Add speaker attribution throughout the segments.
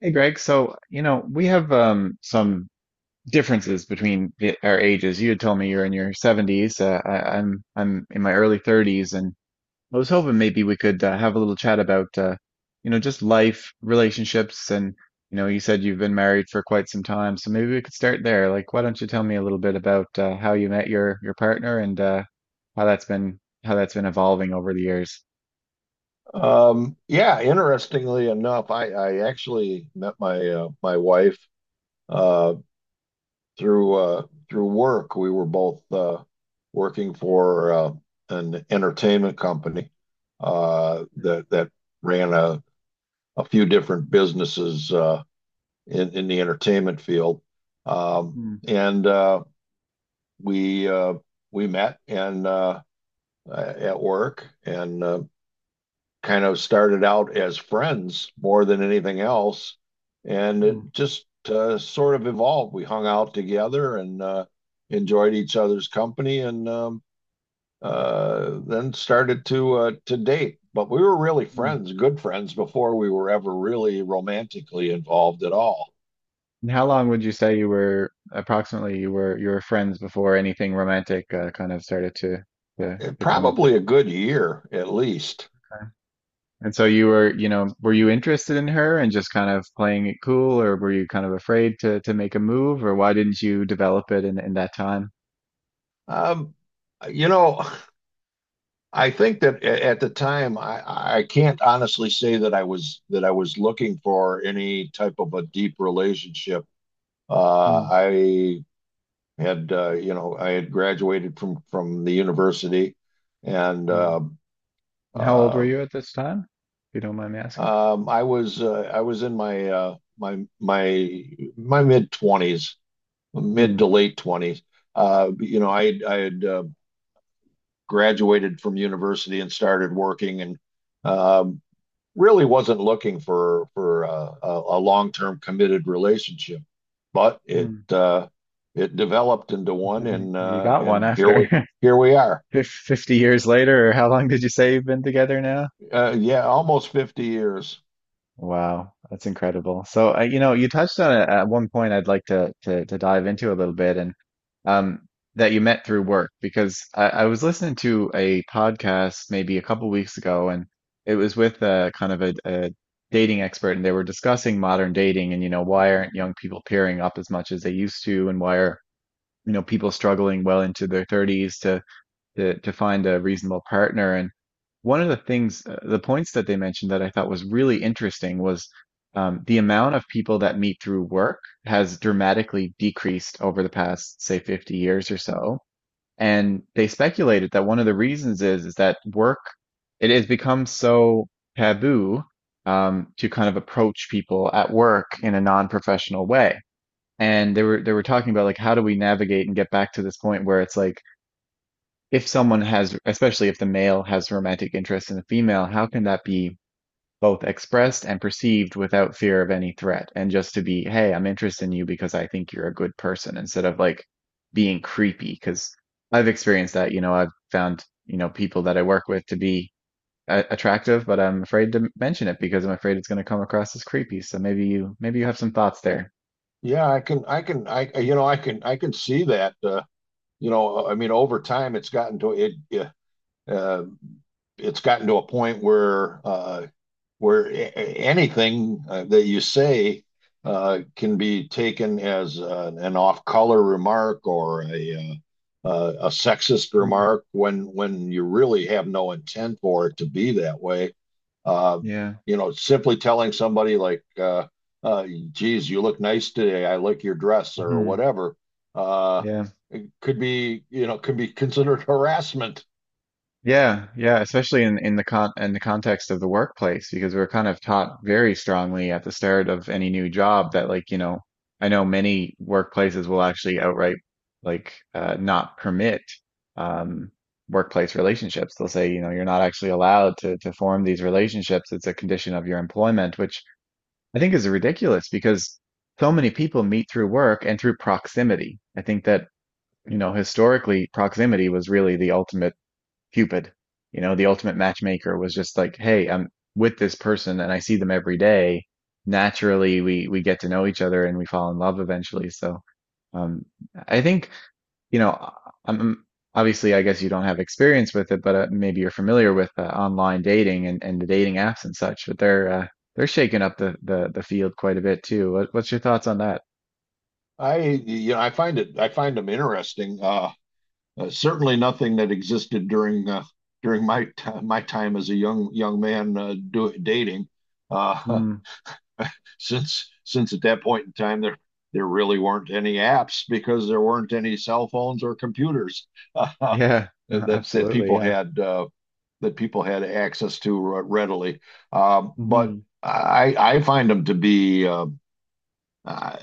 Speaker 1: Hey Greg, so we have some differences between our ages. You had told me you're in your 70s. I'm in my early 30s, and I was hoping maybe we could have a little chat about just life, relationships, and you said you've been married for quite some time, so maybe we could start there. Like, why don't you tell me a little bit about how you met your partner and how that's been evolving over the years?
Speaker 2: Yeah, interestingly enough, I actually met my my wife uh, through through work. We were both working for an entertainment company that ran a few different businesses in the entertainment field, um,
Speaker 1: Mm,
Speaker 2: and we uh, we met and at work, and kind of started out as friends more than anything else, and
Speaker 1: mm,
Speaker 2: it just sort of evolved. We hung out together and enjoyed each other's company, and then started to date. But we were really
Speaker 1: mm.
Speaker 2: friends, good friends, before we were ever really romantically involved at all.
Speaker 1: And how long would you say you were approximately you were friends before anything romantic kind of started to to to come of it?
Speaker 2: Probably a good year at least.
Speaker 1: And so you were, you know, were you interested in her and just kind of playing it cool, or were you kind of afraid to make a move, or why didn't you develop it in that time?
Speaker 2: Um, you know, I think that at the time, I can't honestly say that I was looking for any type of a deep relationship.
Speaker 1: Hmm.
Speaker 2: I had You know, I had graduated from the university, and
Speaker 1: Hmm.
Speaker 2: uh,
Speaker 1: And how old were
Speaker 2: uh,
Speaker 1: you at this time, if you don't mind me asking?
Speaker 2: I was in my my mid twenties, mid
Speaker 1: Hmm.
Speaker 2: to late twenties. You know, I had graduated from university and started working and. Um, Really wasn't looking for a long-term committed relationship, but it
Speaker 1: Hmm.
Speaker 2: it developed into one,
Speaker 1: You got one
Speaker 2: and here we
Speaker 1: after
Speaker 2: are.
Speaker 1: 50 years later, or how long did you say you've been together now?
Speaker 2: Yeah, almost 50 years.
Speaker 1: Wow, that's incredible. So, you know, you touched on it at one point I'd like to dive into a little bit, and um, that you met through work because I was listening to a podcast maybe a couple weeks ago, and it was with a kind of a dating expert, and they were discussing modern dating and you know why aren't young people pairing up as much as they used to, and why are you know people struggling well into their 30s to find a reasonable partner. And one of the things, the points that they mentioned that I thought was really interesting was the amount of people that meet through work has dramatically decreased over the past, say, 50 years or so. And they speculated that one of the reasons is that work it has become so taboo, to kind of approach people at work in a non-professional way. And they were talking about like how do we navigate and get back to this point where it's like if someone has, especially if the male has romantic interest in the female, how can that be both expressed and perceived without fear of any threat? And just to be, hey, I'm interested in you because I think you're a good person instead of like being creepy. Because I've experienced that, you know, I've found, you know, people that I work with to be attractive, but I'm afraid to mention it because I'm afraid it's going to come across as creepy. So maybe you have some thoughts there.
Speaker 2: Yeah, I can I can I you know I can see that. You know, I mean, over time, Uh, it's gotten to a point where where a- anything that you say can be taken as an off-color remark or a sexist
Speaker 1: Mm.
Speaker 2: remark when you really have no intent for it to be that way. Uh,
Speaker 1: Yeah.
Speaker 2: you know, simply telling somebody like, uh, "Geez, you look nice today. I like your dress," or
Speaker 1: Hmm.
Speaker 2: whatever. Uh,
Speaker 1: Yeah.
Speaker 2: it could be, you know, could be considered harassment.
Speaker 1: Yeah, yeah, especially in the context of the workplace, because we're kind of taught very strongly at the start of any new job that like, you know, I know many workplaces will actually outright like not permit, um, workplace relationships. They'll say, you know, you're not actually allowed to form these relationships. It's a condition of your employment, which I think is ridiculous because so many people meet through work and through proximity. I think that, you know, historically, proximity was really the ultimate Cupid, you know, the ultimate matchmaker was just like, hey, I'm with this person and I see them every day. Naturally, we get to know each other and we fall in love eventually. So, um, I think, you know, I'm obviously, I guess you don't have experience with it, but maybe you're familiar with online dating and the dating apps and such. But they're shaking up the field quite a bit too. What, what's your thoughts on that?
Speaker 2: I, you know, I find it, I find them interesting. Certainly nothing that existed during during my time as a young man dating. Uh,
Speaker 1: Hmm.
Speaker 2: since at that point in time there really weren't any apps because there weren't any cell phones or computers uh,
Speaker 1: Yeah, no,
Speaker 2: that
Speaker 1: absolutely. Yeah.
Speaker 2: that people had access to readily. But
Speaker 1: Hmm.
Speaker 2: I find them to be uh,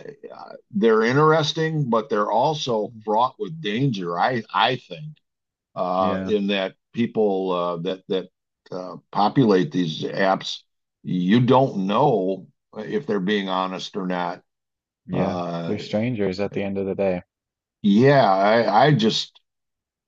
Speaker 2: they're interesting, but they're also fraught with danger. I think
Speaker 1: Yeah.
Speaker 2: in that people that that populate these apps, you don't know if they're being honest or not.
Speaker 1: Yeah. They're
Speaker 2: Uh,
Speaker 1: strangers at the end of the day.
Speaker 2: yeah, I just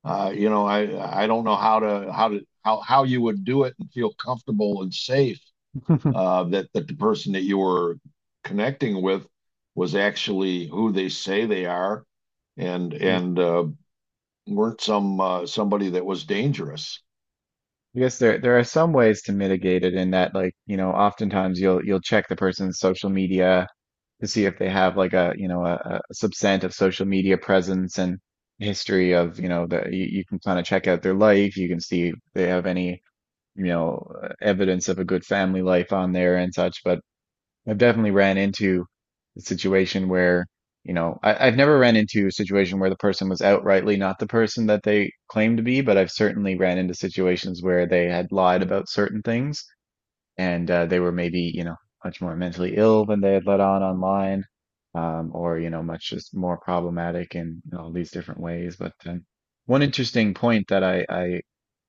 Speaker 2: you know, I don't know how to how to how how you would do it and feel comfortable and safe that the person that you were connecting with was actually who they say they are and
Speaker 1: Yeah.
Speaker 2: and uh, weren't somebody that was dangerous.
Speaker 1: I guess there are some ways to mitigate it in that like, you know, oftentimes you'll check the person's social media to see if they have like a subset of social media presence and history of, you know, you can kind of check out their life, you can see if they have any, you know, evidence of a good family life on there and such, but I've definitely ran into a situation where, you know, I've never ran into a situation where the person was outrightly not the person that they claimed to be, but I've certainly ran into situations where they had lied about certain things and they were maybe, you know, much more mentally ill than they had let on online, or, you know, much just more problematic in, all these different ways. But one interesting point that I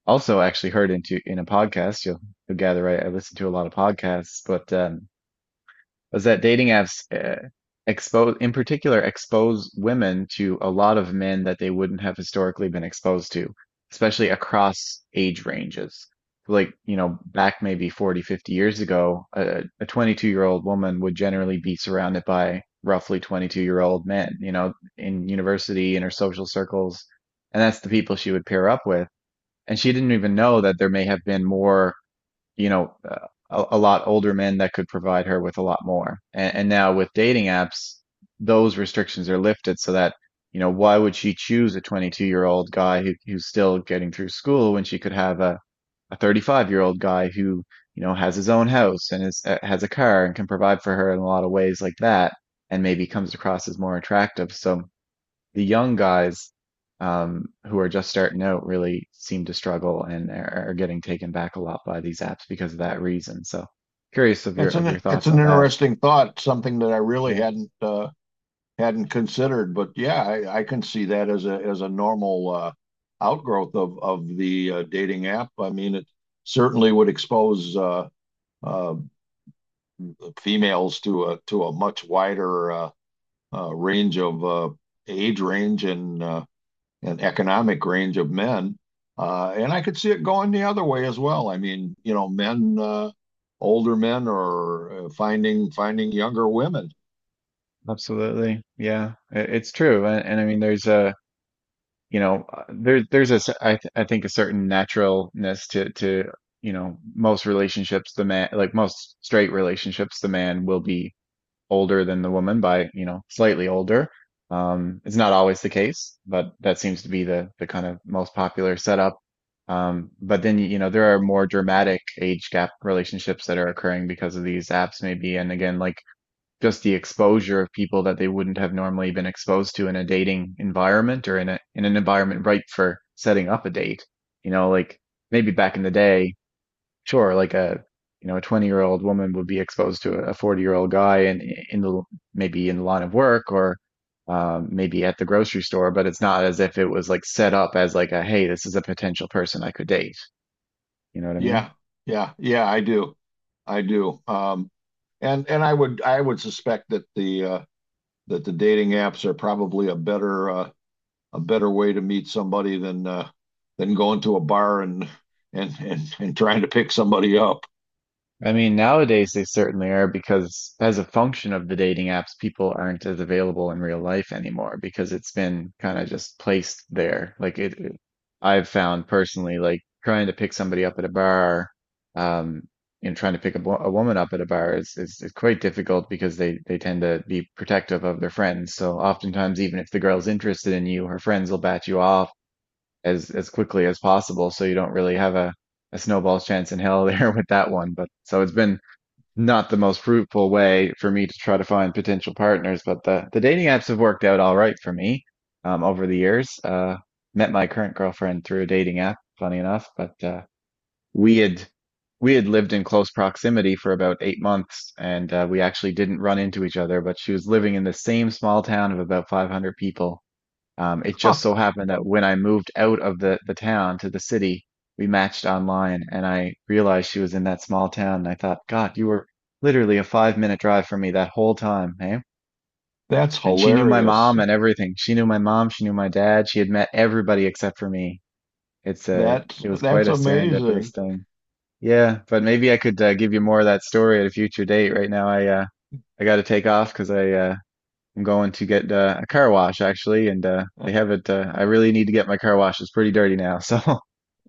Speaker 1: also actually heard into in a podcast, you'll gather, I listen to a lot of podcasts, but was that dating apps expose, in particular, expose women to a lot of men that they wouldn't have historically been exposed to, especially across age ranges. Like, you know, back maybe 40, 50 years ago, a 22-year-old woman would generally be surrounded by roughly 22-year-old men, you know, in university, in her social circles. And that's the people she would pair up with. And she didn't even know that there may have been more, you know, a lot older men that could provide her with a lot more. And now with dating apps, those restrictions are lifted so that, you know, why would she choose a 22-year-old guy who's still getting through school when she could have a 35-year-old guy who, you know, has his own house and is, has a car and can provide for her in a lot of ways like that and maybe comes across as more attractive. So the young guys, who are just starting out really seem to struggle and are getting taken back a lot by these apps because of that reason. So curious of your
Speaker 2: It's
Speaker 1: thoughts
Speaker 2: an
Speaker 1: on that.
Speaker 2: interesting thought, something that I really hadn't hadn't considered. But yeah, I can see that as a normal outgrowth of the dating app. I mean, it certainly would expose uh, females to a much wider range of age range and economic range of men. And I could see it going the other way as well. I mean, you know, men older men are finding younger women.
Speaker 1: Absolutely. Yeah, it's true. And I mean, you know, there's a, I think a certain naturalness you know, most relationships, the man, like most straight relationships, the man will be older than the woman by, you know, slightly older. It's not always the case, but that seems to be the kind of most popular setup. But then, you know, there are more dramatic age gap relationships that are occurring because of these apps, maybe. And again, like just the exposure of people that they wouldn't have normally been exposed to in a dating environment or in a in an environment ripe for setting up a date. You know, like maybe back in the day, sure, like a you know a 20-year-old woman would be exposed to a 40-year-old guy in the maybe in the line of work or, maybe at the grocery store, but it's not as if it was like set up as like a hey, this is a potential person I could date. You know what I mean?
Speaker 2: Yeah, yeah, I do. I do. And I would suspect that the dating apps are probably a better way to meet somebody than going to a bar and and trying to pick somebody up.
Speaker 1: I mean, nowadays they certainly are because as a function of the dating apps, people aren't as available in real life anymore because it's been kind of just placed there. I've found personally, like trying to pick somebody up at a bar, um, and trying to pick a woman up at a bar is quite difficult because they tend to be protective of their friends. So oftentimes, even if the girl's interested in you, her friends will bat you off as quickly as possible, so you don't really have a snowball's chance in hell there with that one. But so it's been not the most fruitful way for me to try to find potential partners, but the dating apps have worked out all right for me, over the years. Met my current girlfriend through a dating app, funny enough, but we had we had lived in close proximity for about 8 months, and we actually didn't run into each other. But she was living in the same small town of about 500 people. It just
Speaker 2: Huh,
Speaker 1: so happened that when I moved out of the town to the city, we matched online and I realized she was in that small town. And I thought, God, you were literally a 5 minute drive from me that whole time, eh?
Speaker 2: that's
Speaker 1: And she knew my
Speaker 2: hilarious.
Speaker 1: mom and everything. She knew my mom, she knew my dad, she had met everybody except for me. It was quite
Speaker 2: That's
Speaker 1: a serendipitous
Speaker 2: amazing.
Speaker 1: thing. Yeah, but maybe I could give you more of that story at a future date. Right now, I got to take off because I'm going to get a car wash actually, and they have it. I really need to get my car wash. It's pretty dirty now. So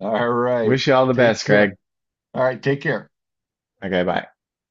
Speaker 2: All right.
Speaker 1: wish you all the
Speaker 2: Take
Speaker 1: best, Greg.
Speaker 2: care. All right, take care.
Speaker 1: Okay, bye.